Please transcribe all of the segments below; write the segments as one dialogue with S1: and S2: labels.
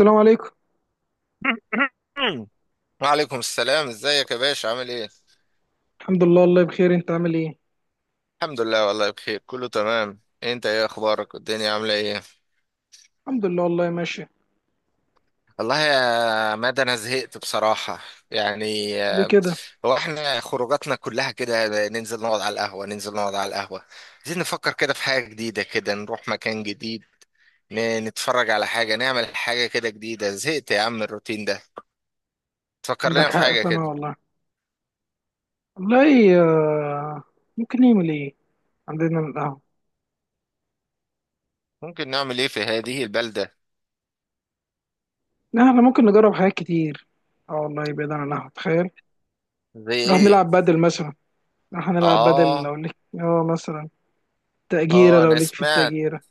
S1: السلام عليكم.
S2: وعليكم السلام، ازيك يا باشا، عامل ايه؟
S1: الحمد لله والله بخير، انت عامل ايه؟
S2: الحمد لله والله بخير كله تمام. انت ايه اخبارك والدنيا عامله ايه؟
S1: الحمد لله والله ماشي.
S2: والله يا مادة انا زهقت بصراحه. يعني
S1: ليه كده؟
S2: هو احنا خروجاتنا كلها كده، ننزل نقعد على القهوه، ننزل نقعد على القهوه. عايزين نفكر كده في حاجه جديده، كده نروح مكان جديد. نتفرج على حاجه، نعمل حاجه كده جديده. زهقت يا عم من الروتين ده. تفكر لنا
S1: عندك
S2: في
S1: حق،
S2: حاجه
S1: فانا
S2: كده.
S1: والله، والله، آه، ممكن نعمل ايه؟ عندنا القهوة.
S2: ممكن نعمل ايه في هذه البلده؟
S1: لا، احنا ممكن نجرب حاجات كتير. اه والله، بعيد عن القهوة تخيل.
S2: زي
S1: نروح
S2: ايه؟
S1: نلعب بدل مثلا. نروح نلعب بدل،
S2: اه،
S1: لو ليك اه مثلا. تأجيرة،
S2: اه،
S1: لو
S2: انا
S1: ليك في
S2: سمعت.
S1: التأجيرة.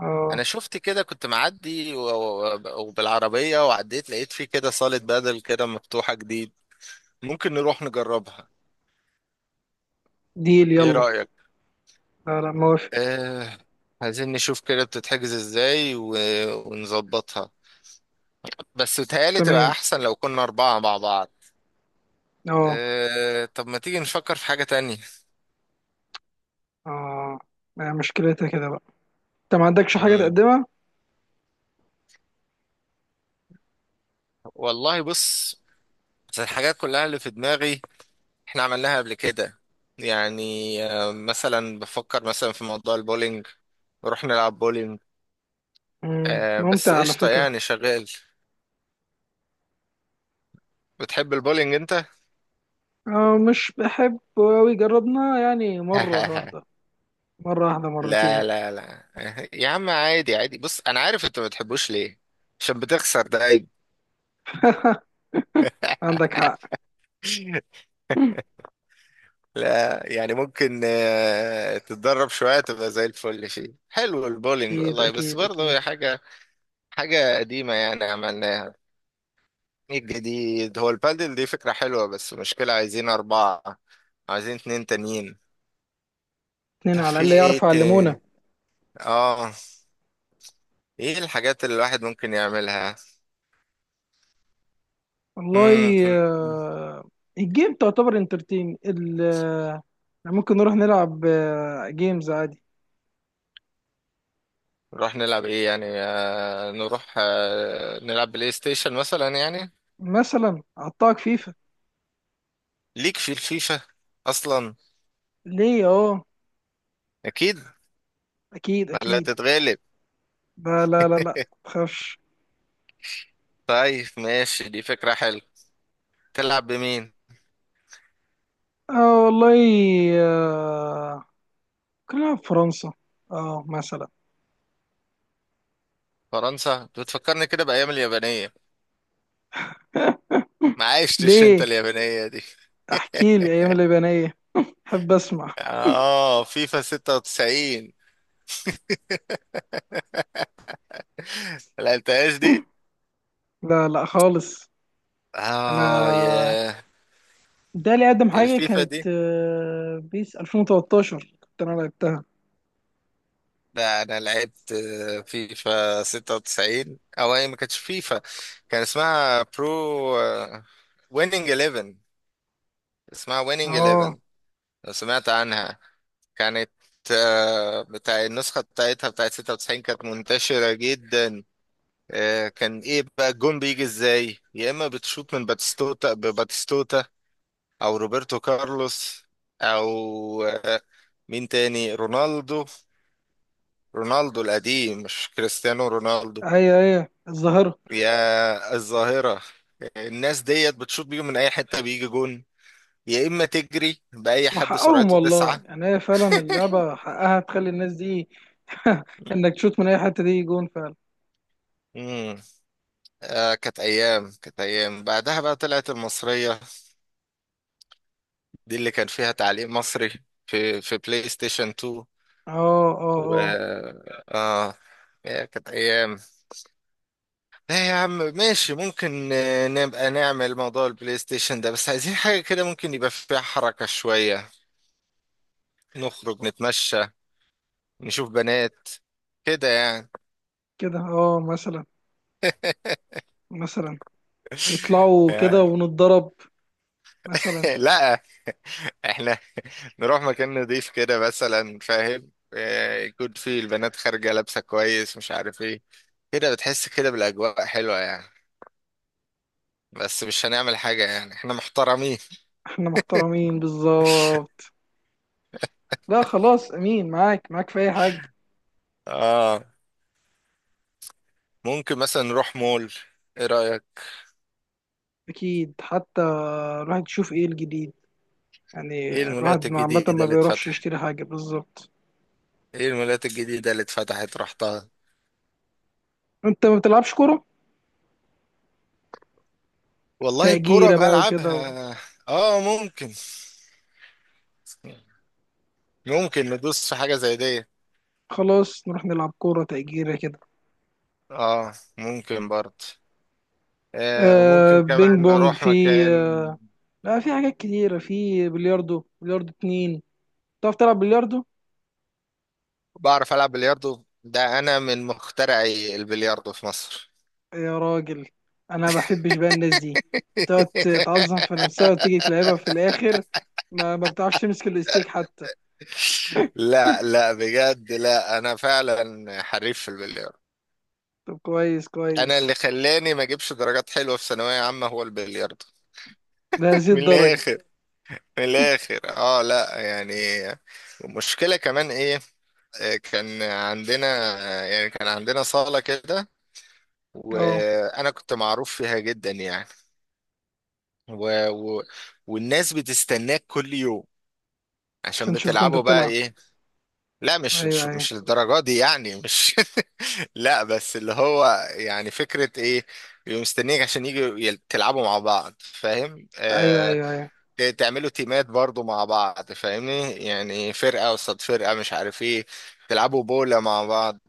S1: اه.
S2: انا شفت كده، كنت معدي و- و- وبالعربية وعديت، لقيت فيه كده صالة بدل كده مفتوحة جديد. ممكن نروح نجربها.
S1: ديل
S2: ايه
S1: يلا.
S2: رأيك؟
S1: لا لا، موافق.
S2: آه. عايزين نشوف كده بتتحجز ازاي ونظبطها. بس بتهيألي تبقى
S1: تمام.
S2: احسن لو كنا اربعة مع بعض.
S1: اه.
S2: طب ما تيجي نفكر في حاجة تانية.
S1: اه، ما هي مشكلتها كده بقى؟ انت ما عندكش حاجة
S2: مم.
S1: تقدمها؟
S2: والله بص، بس الحاجات كلها اللي في دماغي احنا عملناها قبل كده. يعني مثلا بفكر مثلا في موضوع البولينج، نروح نلعب بولينج. بس
S1: ممتع على
S2: قشطة
S1: فكرة.
S2: يعني شغال. بتحب البولينج انت؟
S1: مش بحبه أوي، جربنا يعني مرة واحدة. مرة واحدة،
S2: لا،
S1: مرتين.
S2: لا، لا. يا عم عادي عادي، بص انا عارف انت ما بتحبوش ليه، عشان بتخسر ده عيب.
S1: عندك حق.
S2: لا يعني ممكن تتدرب شوية تبقى زي الفل، فيه حلو البولينج
S1: أكيد
S2: والله، بس
S1: أكيد
S2: برضه
S1: أكيد.
S2: هي حاجة، حاجة قديمة يعني عملناها. الجديد هو البادل، دي فكرة حلوة بس مشكلة عايزين أربعة، عايزين اتنين تانيين.
S1: اتنين
S2: طب
S1: على
S2: في
S1: الأقل
S2: ايه
S1: يعرفوا يعلمونا.
S2: تاني؟ اه. ايه الحاجات اللي الواحد ممكن يعملها؟ مم،
S1: والله.
S2: مم، مم.
S1: آه، الجيم تعتبر انترتين يعني ممكن نروح نلعب جيمز عادي.
S2: نروح نلعب ايه يعني، نروح نلعب بلاي ستيشن مثلا يعني.
S1: مثلا أعطاك فيفا.
S2: ليك في الفيفا اصلا.
S1: ليه؟ اه.
S2: اكيد.
S1: أكيد
S2: ولا
S1: أكيد.
S2: تتغلب؟
S1: لا لا لا لا، متخافش.
S2: طيب ماشي، دي فكرة حلوة. تلعب بمين؟
S1: اه والله. آه، كنا نلعب فرنسا. اه مثلا.
S2: فرنسا بتفكرني كده بأيام اليابانية. ما عشتش انت
S1: ليه؟
S2: اليابانية دي.
S1: احكي لي ايام اليابانية. حب اسمع.
S2: اه فيفا 96، ما لعبتهاش دي.
S1: لا لا خالص.
S2: اه
S1: انا،
S2: يا.
S1: ده اللي اقدم حاجه
S2: الفيفا
S1: كانت
S2: دي؟
S1: بيس 2013 كنت انا لعبتها.
S2: لا انا لعبت فيفا 96، او هي ما كانتش فيفا، كان اسمها برو، ويننج 11. اسمها ويننج
S1: اه.
S2: 11، لو سمعت عنها. كانت بتاع النسخة بتاعتها بتاعت 96 كانت منتشرة جدا. كان ايه بقى الجون بيجي ازاي، يا اما بتشوط من باتستوتا بباتستوتا، او روبرتو كارلوس، او آه، مين تاني، رونالدو، رونالدو القديم مش كريستيانو رونالدو.
S1: هي هي الظاهره.
S2: يا الظاهرة، الناس ديت بتشوط بيهم من اي حتة بيجي جون، يا اما تجري باي حد
S1: وحقهم
S2: سرعته
S1: والله،
S2: تسعة.
S1: يعني هي فعلا اللعبه حقها تخلي الناس دي، انك تشوت من اي حته دي جون فعلا.
S2: امم كانت ايام، كانت ايام. بعدها بقى طلعت المصرية، دي اللي كان فيها تعليق مصري في بلاي ستيشن 2.
S1: اه اه
S2: و
S1: اه.
S2: اه يا كانت ايام. لا يا عم ماشي، ممكن نبقى نعمل موضوع البلاي ستيشن ده، بس عايزين حاجة كده ممكن يبقى فيها حركة شوية، نخرج نتمشى، نشوف بنات كده يعني.
S1: كده اه مثلا. مثلا يطلعوا كده ونتضرب. مثلا.
S2: لا، احنا نروح مكان نضيف كده مثلا، فاهم، يكون فيه البنات خارجة لابسة كويس مش عارف ايه، كده بتحس كده بالأجواء حلوة يعني، بس مش هنعمل حاجة يعني، احنا محترمين.
S1: احنا محترمين بالظبط. لا خلاص، امين معاك معاك في اي حاجه.
S2: اه. ممكن مثلا نروح مول. ايه رأيك؟
S1: أكيد حتى الواحد يشوف إيه الجديد، يعني
S2: ايه المولات
S1: الواحد عامة
S2: الجديدة
S1: ما
S2: اللي
S1: بيروحش
S2: اتفتحت
S1: يشتري حاجة بالظبط.
S2: ايه المولات الجديدة اللي اتفتحت رحتها؟
S1: أنت ما بتلعبش كورة؟
S2: والله الكرة
S1: تأجيرة بقى وكده.
S2: بلعبها. اه ممكن ندوس في حاجة زي دي.
S1: خلاص نروح نلعب كورة تأجيرة كده.
S2: اه ممكن برضه. آه وممكن
S1: بينج
S2: كمان
S1: بونج
S2: نروح
S1: في،
S2: مكان.
S1: آه لا، في حاجات كتيرة، في بلياردو. بلياردو اتنين. تعرف تلعب بلياردو؟
S2: بعرف ألعب بلياردو، ده أنا من مخترعي البلياردو في مصر.
S1: يا راجل. أنا ما بحبش بقى الناس دي تقعد تعظم في نفسها وتيجي تلعبها في الآخر. ما بتعرفش تمسك الاستيك حتى.
S2: لا، لا، بجد لا، أنا فعلا حريف في البلياردو.
S1: طب كويس
S2: أنا
S1: كويس.
S2: اللي خلاني ما أجيبش درجات حلوة في ثانوية عامة هو البلياردو.
S1: لهذه
S2: من
S1: الدرجة؟
S2: الآخر. في الاخر لا يعني، المشكله كمان ايه، كان عندنا يعني، كان عندنا صاله كده،
S1: اه،
S2: وانا كنت معروف فيها جدا يعني. و... و... والناس بتستناك كل يوم. عشان
S1: عشان نشوفك انت
S2: بتلعبوا بقى
S1: بتلعب.
S2: ايه؟ لا مش
S1: ايوه
S2: مش,
S1: ايوه
S2: مش الدرجه دي يعني، مش... لا بس اللي هو يعني فكره ايه، بيبقوا مستنيك عشان يجوا تلعبوا مع بعض، فاهم
S1: ايوه.
S2: آه.
S1: ايوه ايوه
S2: تعملوا تيمات برضو مع بعض، فاهمني، يعني فرقة قصاد فرقة مش عارف ايه، تلعبوا بولا مع بعض،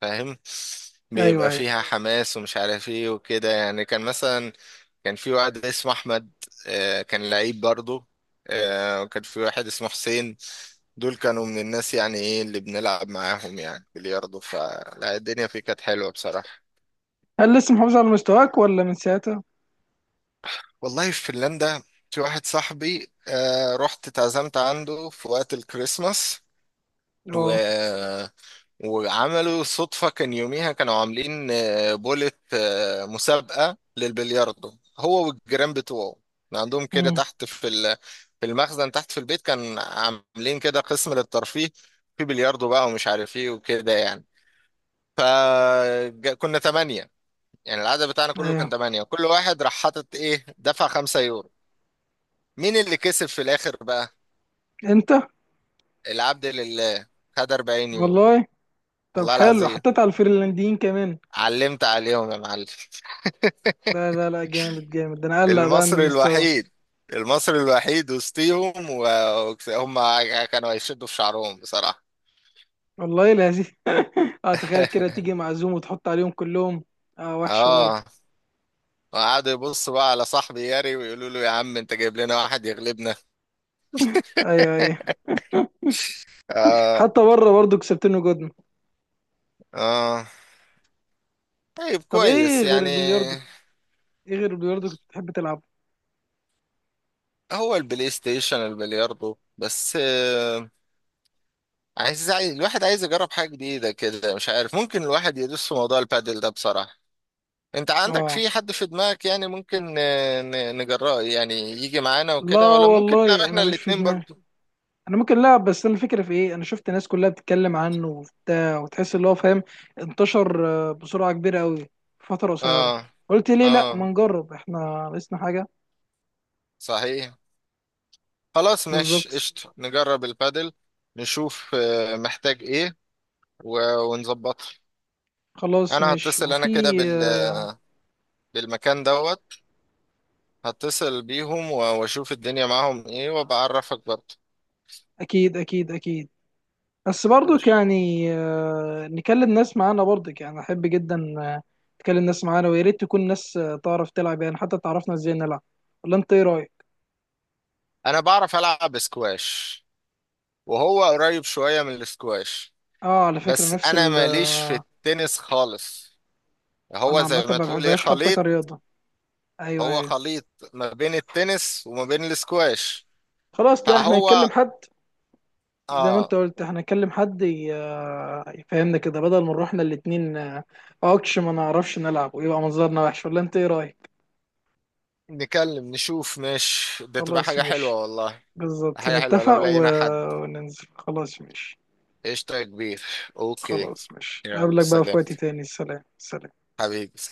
S2: فاهم.
S1: ايوه
S2: بيبقى
S1: ايوه.
S2: فيها حماس ومش عارف ايه وكده يعني. كان مثلا كان في واحد اسمه احمد، كان لعيب برضو، وكان في واحد اسمه حسين. دول كانوا من الناس يعني ايه اللي بنلعب معاهم يعني بلياردو، فلا الدنيا فيه كانت حلوة بصراحة.
S1: هل لسه محافظ على مستواك ولا من ساعتها؟
S2: والله في فنلندا، في واحد صاحبي رحت اتعزمت عنده في وقت الكريسماس، و...
S1: اه.
S2: وعملوا صدفة. كان يوميها كانوا عاملين بولة مسابقة للبلياردو، هو والجيران بتوعه. كان عندهم كده
S1: امم
S2: تحت في في المخزن تحت في البيت، كان عاملين كده قسم للترفيه، في بلياردو بقى ومش عارف ايه وكده يعني. فكنا تمانية، يعني العدد بتاعنا كله كان
S1: ايوه،
S2: تمانية، وكل واحد راح حاطط ايه دفع 5 يورو. مين اللي كسب في الآخر بقى؟
S1: انت،
S2: العبد لله. خد 40 يورو.
S1: والله. طب
S2: والله
S1: حلو،
S2: العظيم
S1: حطيت على الفنلنديين كمان.
S2: علمت عليهم يا معلم.
S1: لا لا لا، جامد جامد. ده انا قلق بقى من
S2: المصري
S1: المستوى.
S2: الوحيد، المصري الوحيد وسطيهم، وهم كانوا هيشدوا في شعرهم بصراحة.
S1: والله لذيذ. اه تخيل كده، تيجي معزوم وتحط عليهم كلهم. اه وحشه برضه.
S2: اه. وقعدوا يبصوا بقى على صاحبي ياري، ويقولوا له يا عم انت جايب لنا واحد يغلبنا.
S1: ايوه ايوه.
S2: اه.
S1: حتى بره برضه كسبتني جدن.
S2: اه طيب
S1: طب ايه
S2: كويس
S1: غير
S2: يعني.
S1: البلياردو؟ ايه غير البلياردو كنت بتحب تلعب؟
S2: هو البلاي ستيشن البلياردو بس. عايز الواحد عايز يجرب حاجة جديدة كده مش عارف. ممكن الواحد يدوس في موضوع البادل ده بصراحة. انت عندك
S1: اه.
S2: في حد في دماغك يعني ممكن نجراه يعني يجي معانا
S1: لا
S2: وكده، ولا ممكن نلعب
S1: والله
S2: احنا
S1: انا مش في
S2: الاتنين
S1: دماغي.
S2: برضو؟
S1: انا ممكن، لا بس انا الفكره في ايه، انا شفت ناس كلها بتتكلم عنه وبتاع وتحس اللي هو فاهم. انتشر بسرعه كبيره قوي في فتره قصيره.
S2: اه.
S1: قلت ليه لا ما
S2: اه.
S1: نجرب احنا؟ ناقصنا حاجه.
S2: صحيح. خلاص ماشي
S1: بالظبط.
S2: قشطة، نجرب البادل. نشوف محتاج ايه ونظبطها.
S1: خلاص
S2: انا
S1: ماشي.
S2: هتصل انا
S1: وفي
S2: كده
S1: آه،
S2: بالمكان دوت. هتصل بيهم واشوف الدنيا معاهم ايه، وبعرفك برضو.
S1: اكيد اكيد اكيد. بس برضك
S2: ماشي.
S1: يعني نكلم ناس معانا. برضك يعني احب جدا تكلم ناس معانا. ويا ريت تكون ناس تعرف تلعب يعني، حتى تعرفنا ازاي نلعب. ولا انت ايه رايك؟
S2: انا بعرف العب سكواش، وهو قريب شوية من السكواش،
S1: اه على فكره
S2: بس
S1: نفس
S2: انا
S1: ال
S2: ماليش في
S1: آه،
S2: التنس خالص. هو
S1: انا عامه
S2: زي ما
S1: ما
S2: تقول ايه
S1: بحبهاش حتى
S2: خليط.
S1: كرياضه. ايوه
S2: هو
S1: ايوه.
S2: خليط ما بين التنس وما بين الاسكواش.
S1: خلاص، لا احنا
S2: فهو
S1: هنكلم حد. زي ما
S2: اه
S1: انت قلت احنا هنكلم حد يفهمنا كده، بدل ما نروح احنا الاتنين اوكش، ما نعرفش نلعب ويبقى منظرنا وحش. ولا انت ايه رايك؟
S2: نكلم نشوف، مش ده تبقى
S1: خلاص
S2: حاجة حلوة
S1: ماشي.
S2: والله؟
S1: بالظبط
S2: حاجة حلوة لو
S1: نتفق
S2: لقينا حد.
S1: وننزل. خلاص ماشي.
S2: قشطة يا كبير. اوكي.
S1: خلاص ماشي،
S2: يلا
S1: اقابلك بقى في
S2: سلام
S1: وقت تاني. سلام سلام.
S2: حبيبي.